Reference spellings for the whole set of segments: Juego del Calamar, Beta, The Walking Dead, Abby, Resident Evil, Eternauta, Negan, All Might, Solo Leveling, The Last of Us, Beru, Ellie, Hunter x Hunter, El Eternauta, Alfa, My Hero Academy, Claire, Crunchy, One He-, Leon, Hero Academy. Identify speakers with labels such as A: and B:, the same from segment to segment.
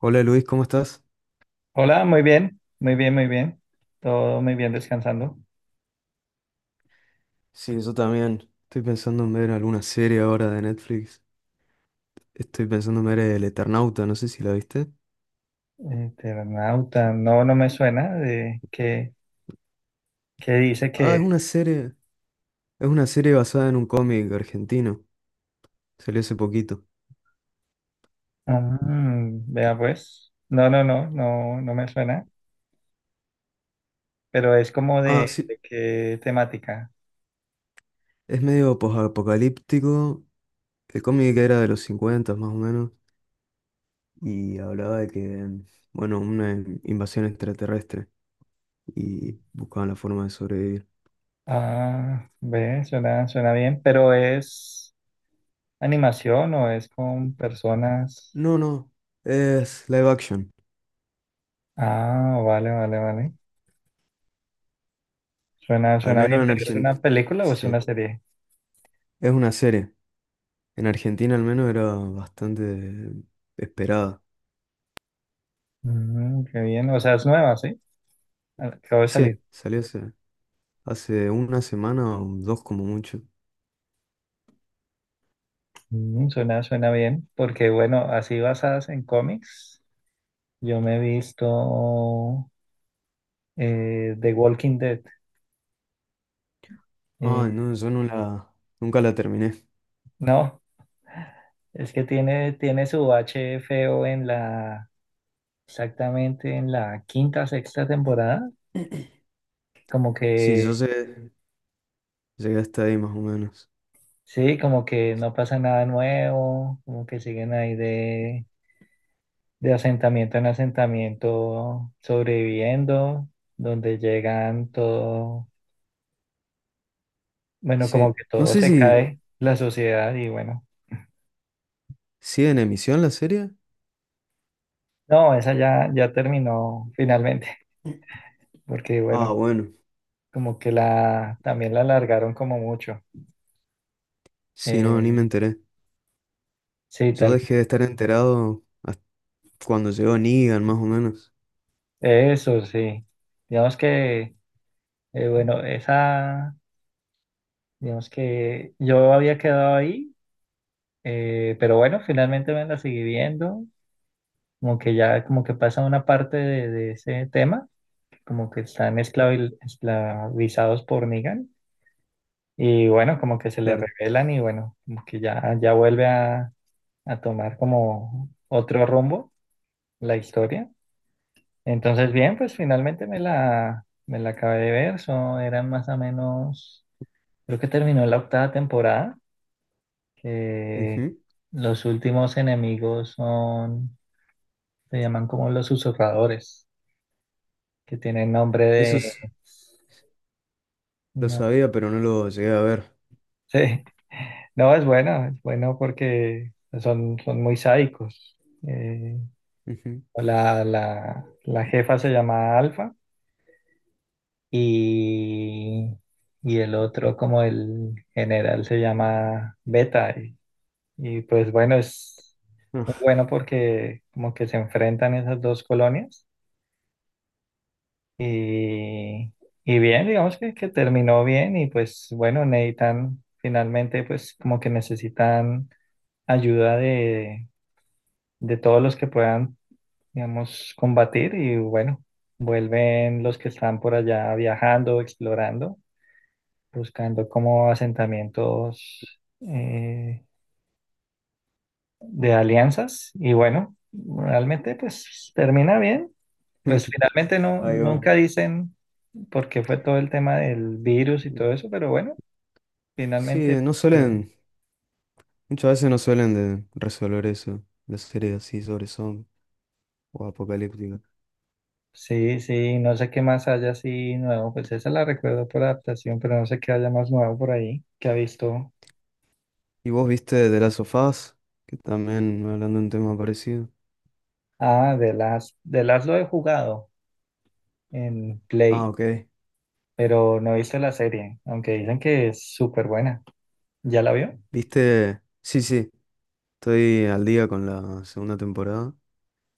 A: Hola Luis, ¿cómo estás?
B: Hola, muy bien, muy bien, muy bien. Todo muy bien descansando.
A: Sí, yo también. Estoy pensando en ver alguna serie ahora de Netflix. Estoy pensando en ver El Eternauta, no sé si la viste.
B: Eternauta, no, no me suena de que, dice
A: Ah,
B: que...
A: es una serie basada en un cómic argentino. Salió hace poquito.
B: Vea pues. No, no, no, no, no me suena. Pero es como
A: Ah,
B: de,
A: sí,
B: de qué temática.
A: es medio posapocalíptico. El cómic era de los 50 más o menos y hablaba de que, bueno, una invasión extraterrestre y buscaban la forma de sobrevivir.
B: Ah, ve, suena, suena bien. Pero es animación o es con personas.
A: No, no, es live action,
B: Ah, vale, vale, vale. Suena,
A: al
B: suena
A: menos
B: bien,
A: en
B: pero ¿es
A: Argentina.
B: una película o es
A: Sí,
B: una serie?
A: es una serie. En Argentina al menos era bastante esperada.
B: Qué bien, o sea, es nueva, ¿sí? Acabo de salir.
A: Sí, salió hace una semana o dos como mucho.
B: Suena, suena bien, porque bueno, así basadas en cómics, yo me he visto The Walking Dead.
A: Ah,
B: Eh,
A: no, yo no la, nunca la terminé.
B: no, es que tiene su bache feo exactamente en la quinta, sexta temporada, como
A: Sí, yo
B: que,
A: sé, llegué hasta ahí más o menos.
B: sí, como que no pasa nada nuevo, como que siguen ahí de asentamiento en asentamiento sobreviviendo, donde llegan todo. Bueno, como
A: Sí,
B: que
A: no
B: todo
A: sé
B: se
A: si
B: cae, la sociedad, y bueno,
A: sigue en emisión la serie.
B: no, esa ya terminó finalmente, porque
A: Ah,
B: bueno,
A: bueno,
B: como que también la alargaron como mucho.
A: sí, no, ni
B: Eh,
A: me enteré.
B: sí,
A: Yo
B: tal,
A: dejé de estar enterado hasta cuando llegó Negan, más o menos.
B: eso sí. Digamos que, bueno, esa, digamos que yo había quedado ahí, pero bueno, finalmente me la seguí viendo, como que ya, como que pasa una parte de, ese tema, como que están esclavizados por Negan. Y bueno, como que se le
A: Claro.
B: revelan y bueno, como que ya vuelve a tomar como otro rumbo la historia. Entonces, bien, pues finalmente me la acabé de ver. Son, eran más o menos, creo que terminó la octava temporada, que
A: Ujú.
B: los últimos enemigos son, se llaman como los susurradores, que tienen nombre
A: Eso
B: de...
A: es- lo
B: No,
A: sabía, pero no lo llegué a ver.
B: sí. No, es bueno porque son muy sádicos. Eh,
A: Ujú.
B: la jefa se llama Alfa, y, y el otro como el general se llama Beta. Y pues bueno, es muy
A: Ah,
B: bueno porque como que se enfrentan esas dos colonias, y, y bien, digamos que, terminó bien y pues bueno, necesitan finalmente pues como que necesitan ayuda de todos los que puedan, digamos, combatir y bueno, vuelven los que están por allá viajando, explorando, buscando como asentamientos, de alianzas y bueno, realmente pues termina bien. Pues finalmente no,
A: ahí va.
B: nunca dicen por qué fue todo el tema del virus y todo eso, pero bueno,
A: Sí,
B: finalmente ter-
A: muchas veces no suelen de resolver eso, las series así sobre zombies o apocalípticas.
B: sí, sí, no sé qué más haya así nuevo, pues esa la recuerdo por adaptación, pero no sé qué haya más nuevo por ahí que ha visto.
A: ¿Y vos viste The Last of Us? Que también hablando de un tema parecido.
B: Ah, de las lo he jugado en
A: Ah,
B: Play,
A: ok.
B: pero no he visto la serie, aunque dicen que es súper buena. ¿Ya la vio?
A: ¿Viste? Sí, sí, estoy al día con la segunda temporada.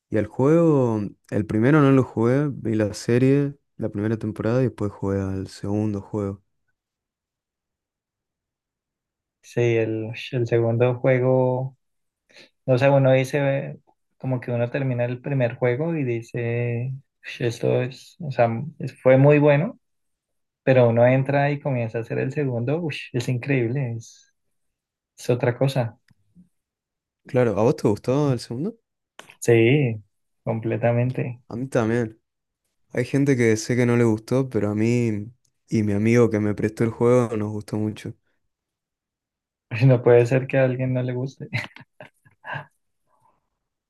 A: Y el juego, el primero no lo jugué, vi la serie, la primera temporada y después jugué al segundo juego.
B: Sí, el segundo juego, o sea, uno dice, como que uno termina el primer juego y dice: "Ush, esto es, o sea, fue muy bueno, pero uno entra y comienza a hacer el segundo, ush, es increíble, es otra cosa".
A: Claro, ¿a vos te gustó el segundo?
B: Sí, completamente.
A: A mí también. Hay gente que sé que no le gustó, pero a mí y mi amigo que me prestó el juego nos gustó mucho.
B: No puede ser que a alguien no le guste.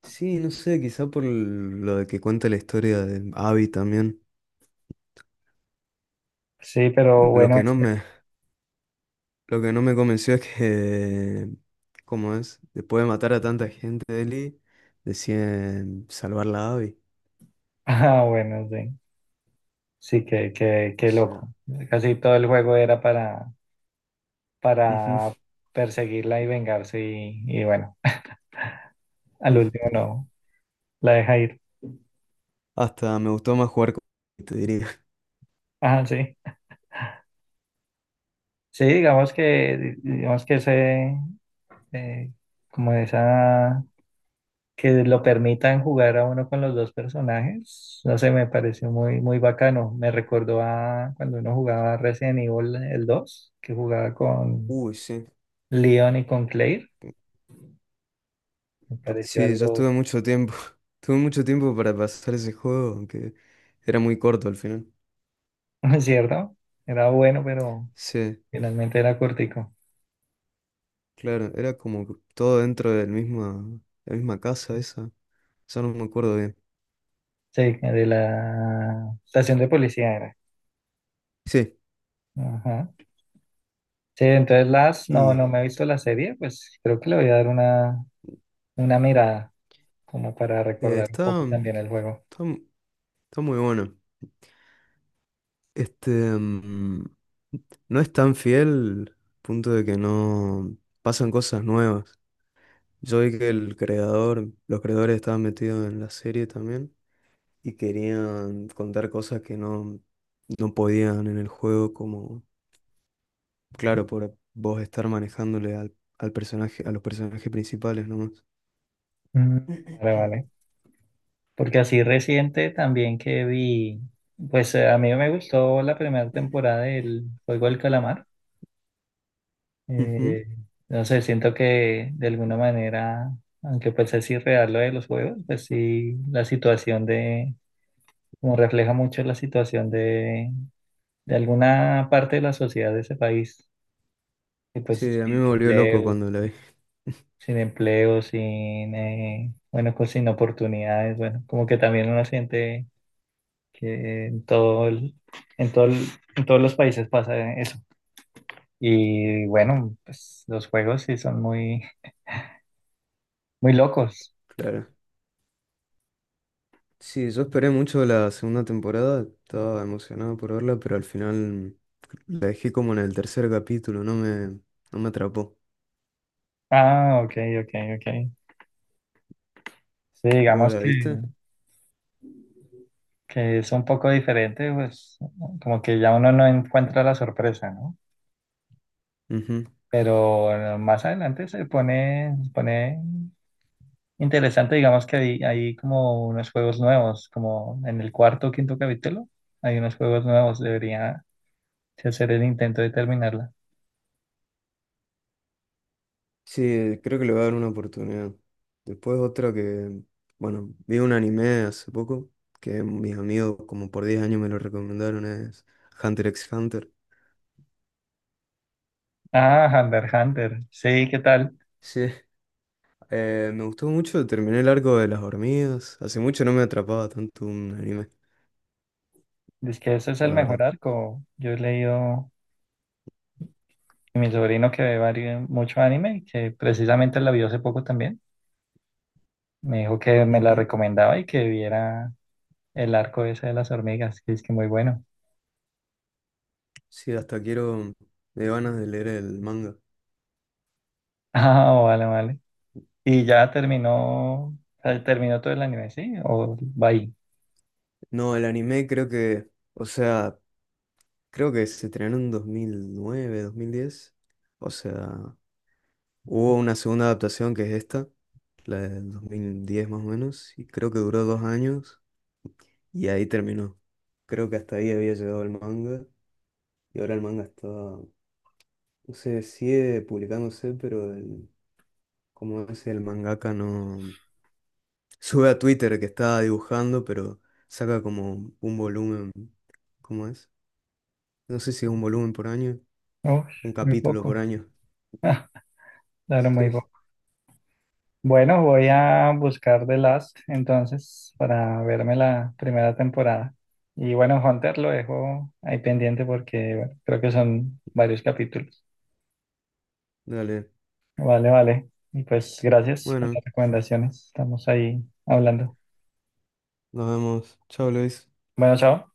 A: Sí, no sé, quizá por lo de que cuenta la historia de Abby también.
B: Sí, pero
A: Lo
B: bueno.
A: que no me, lo que no me convenció es que, ¿cómo es? Después de matar a tanta gente, Ellie, deciden salvarla a Abby.
B: Ah, bueno, sí. Sí, qué, qué,
A: O
B: qué loco.
A: sea,
B: Casi todo el juego era para,
A: ujú.
B: para perseguirla y vengarse, y bueno, al último no, la deja ir.
A: Hasta me gustó más jugar con te diría.
B: Ah, sí. Sí, digamos que, ese, eh, como esa, que lo permitan jugar a uno con los dos personajes, no sé, me pareció muy, muy bacano. Me recordó a cuando uno jugaba Resident Evil el dos, que jugaba con
A: Uy, sí.
B: Leon y con Claire. Me pareció
A: Sí, yo
B: algo
A: estuve mucho tiempo. Tuve mucho tiempo para pasar ese juego, aunque era muy corto al final.
B: ¿Es cierto? Era bueno, pero
A: Sí,
B: finalmente era cortico.
A: claro, era como que todo dentro la misma casa esa. Ya no me acuerdo bien.
B: Sí, de la estación de policía era.
A: Sí,
B: Ajá. Sí, entonces no,
A: y
B: no me he visto la serie, pues creo que le voy a dar una mirada, como para
A: eh,
B: recordar un
A: está,
B: poco también el juego.
A: está, mu- está muy bueno. Este, no es tan fiel, punto de que no pasan cosas nuevas. Yo vi que el creador, los creadores estaban metidos en la serie también y querían contar cosas que no, no podían en el juego, como claro, por vos estar manejándole al personaje, a los personajes principales nomás.
B: Mm, vale, vale. Porque así reciente también que vi, pues a mí me gustó la primera temporada del Juego del Calamar.
A: Ujú.
B: Eh, no sé, siento que de alguna manera, aunque pues es irreal lo de los juegos, pues sí, como refleja mucho la situación de, alguna parte de la sociedad de ese país, que pues
A: Sí, a mí
B: sin
A: me volvió loco
B: empleo,
A: cuando la vi,
B: sin empleo, sin, bueno, pues sin oportunidades, bueno, como que también uno siente que en todo el- en todos los países pasa eso. Y bueno, pues los juegos sí son muy, muy locos.
A: claro. Sí, yo esperé mucho la segunda temporada, estaba emocionado por verla, pero al final la dejé como en el tercer capítulo, no me atrapó.
B: Ah, ok, ok, ok. Sí,
A: ¿Vos
B: digamos
A: la
B: que,
A: viste?
B: que es un poco diferente, pues como que ya uno no encuentra la sorpresa, ¿no?
A: Ujú.
B: Pero más adelante se pone interesante, digamos que hay como unos juegos nuevos, como en el cuarto o quinto capítulo, hay unos juegos nuevos, debería si hacer el intento de terminarla.
A: Sí, creo que le voy a dar una oportunidad. Después otra que, bueno, vi un anime hace poco que mis amigos como por 10 años me lo recomendaron, es Hunter x Hunter.
B: Ah, Hunter, x Hunter, sí, ¿qué tal?
A: Sí, me gustó mucho, terminé el arco de las hormigas. Hace mucho no me atrapaba tanto un anime,
B: Dice que ese es
A: la
B: el mejor
A: verdad.
B: arco. Yo he leído. Y mi sobrino que ve mucho anime, y que precisamente la vio hace poco también, me dijo que me la
A: Ujú.
B: recomendaba y que viera el arco ese de las hormigas, que es que muy bueno.
A: Sí, me dio ganas de leer el manga.
B: Ah, vale, vale. Y ya terminó, o sea, terminó todo el anime, ¿sí? ¿O va ahí?
A: No, el anime creo que, o sea, creo que se estrenó en dos mil nueve 2010. O sea... Hubo una segunda adaptación que es esta, la del 2010 más o menos, y creo que duró 2 años y ahí terminó. Creo que hasta ahí había llegado el manga y ahora el manga está, no sé, sigue publicándose, pero el, como es el mangaka no sube a Twitter que está dibujando, pero saca como un volumen, ¿cómo es? No sé si es un volumen por año,
B: Uf,
A: un
B: muy
A: capítulo por
B: poco,
A: año.
B: claro, muy
A: Sí,
B: poco. Bueno, voy a buscar The Last entonces para verme la primera temporada. Y bueno, Hunter lo dejo ahí pendiente porque bueno, creo que son varios capítulos.
A: dale.
B: Vale, vale. Y pues gracias por
A: Bueno,
B: las recomendaciones. Estamos ahí hablando.
A: nos vemos. Chao, Luis.
B: Bueno, chao.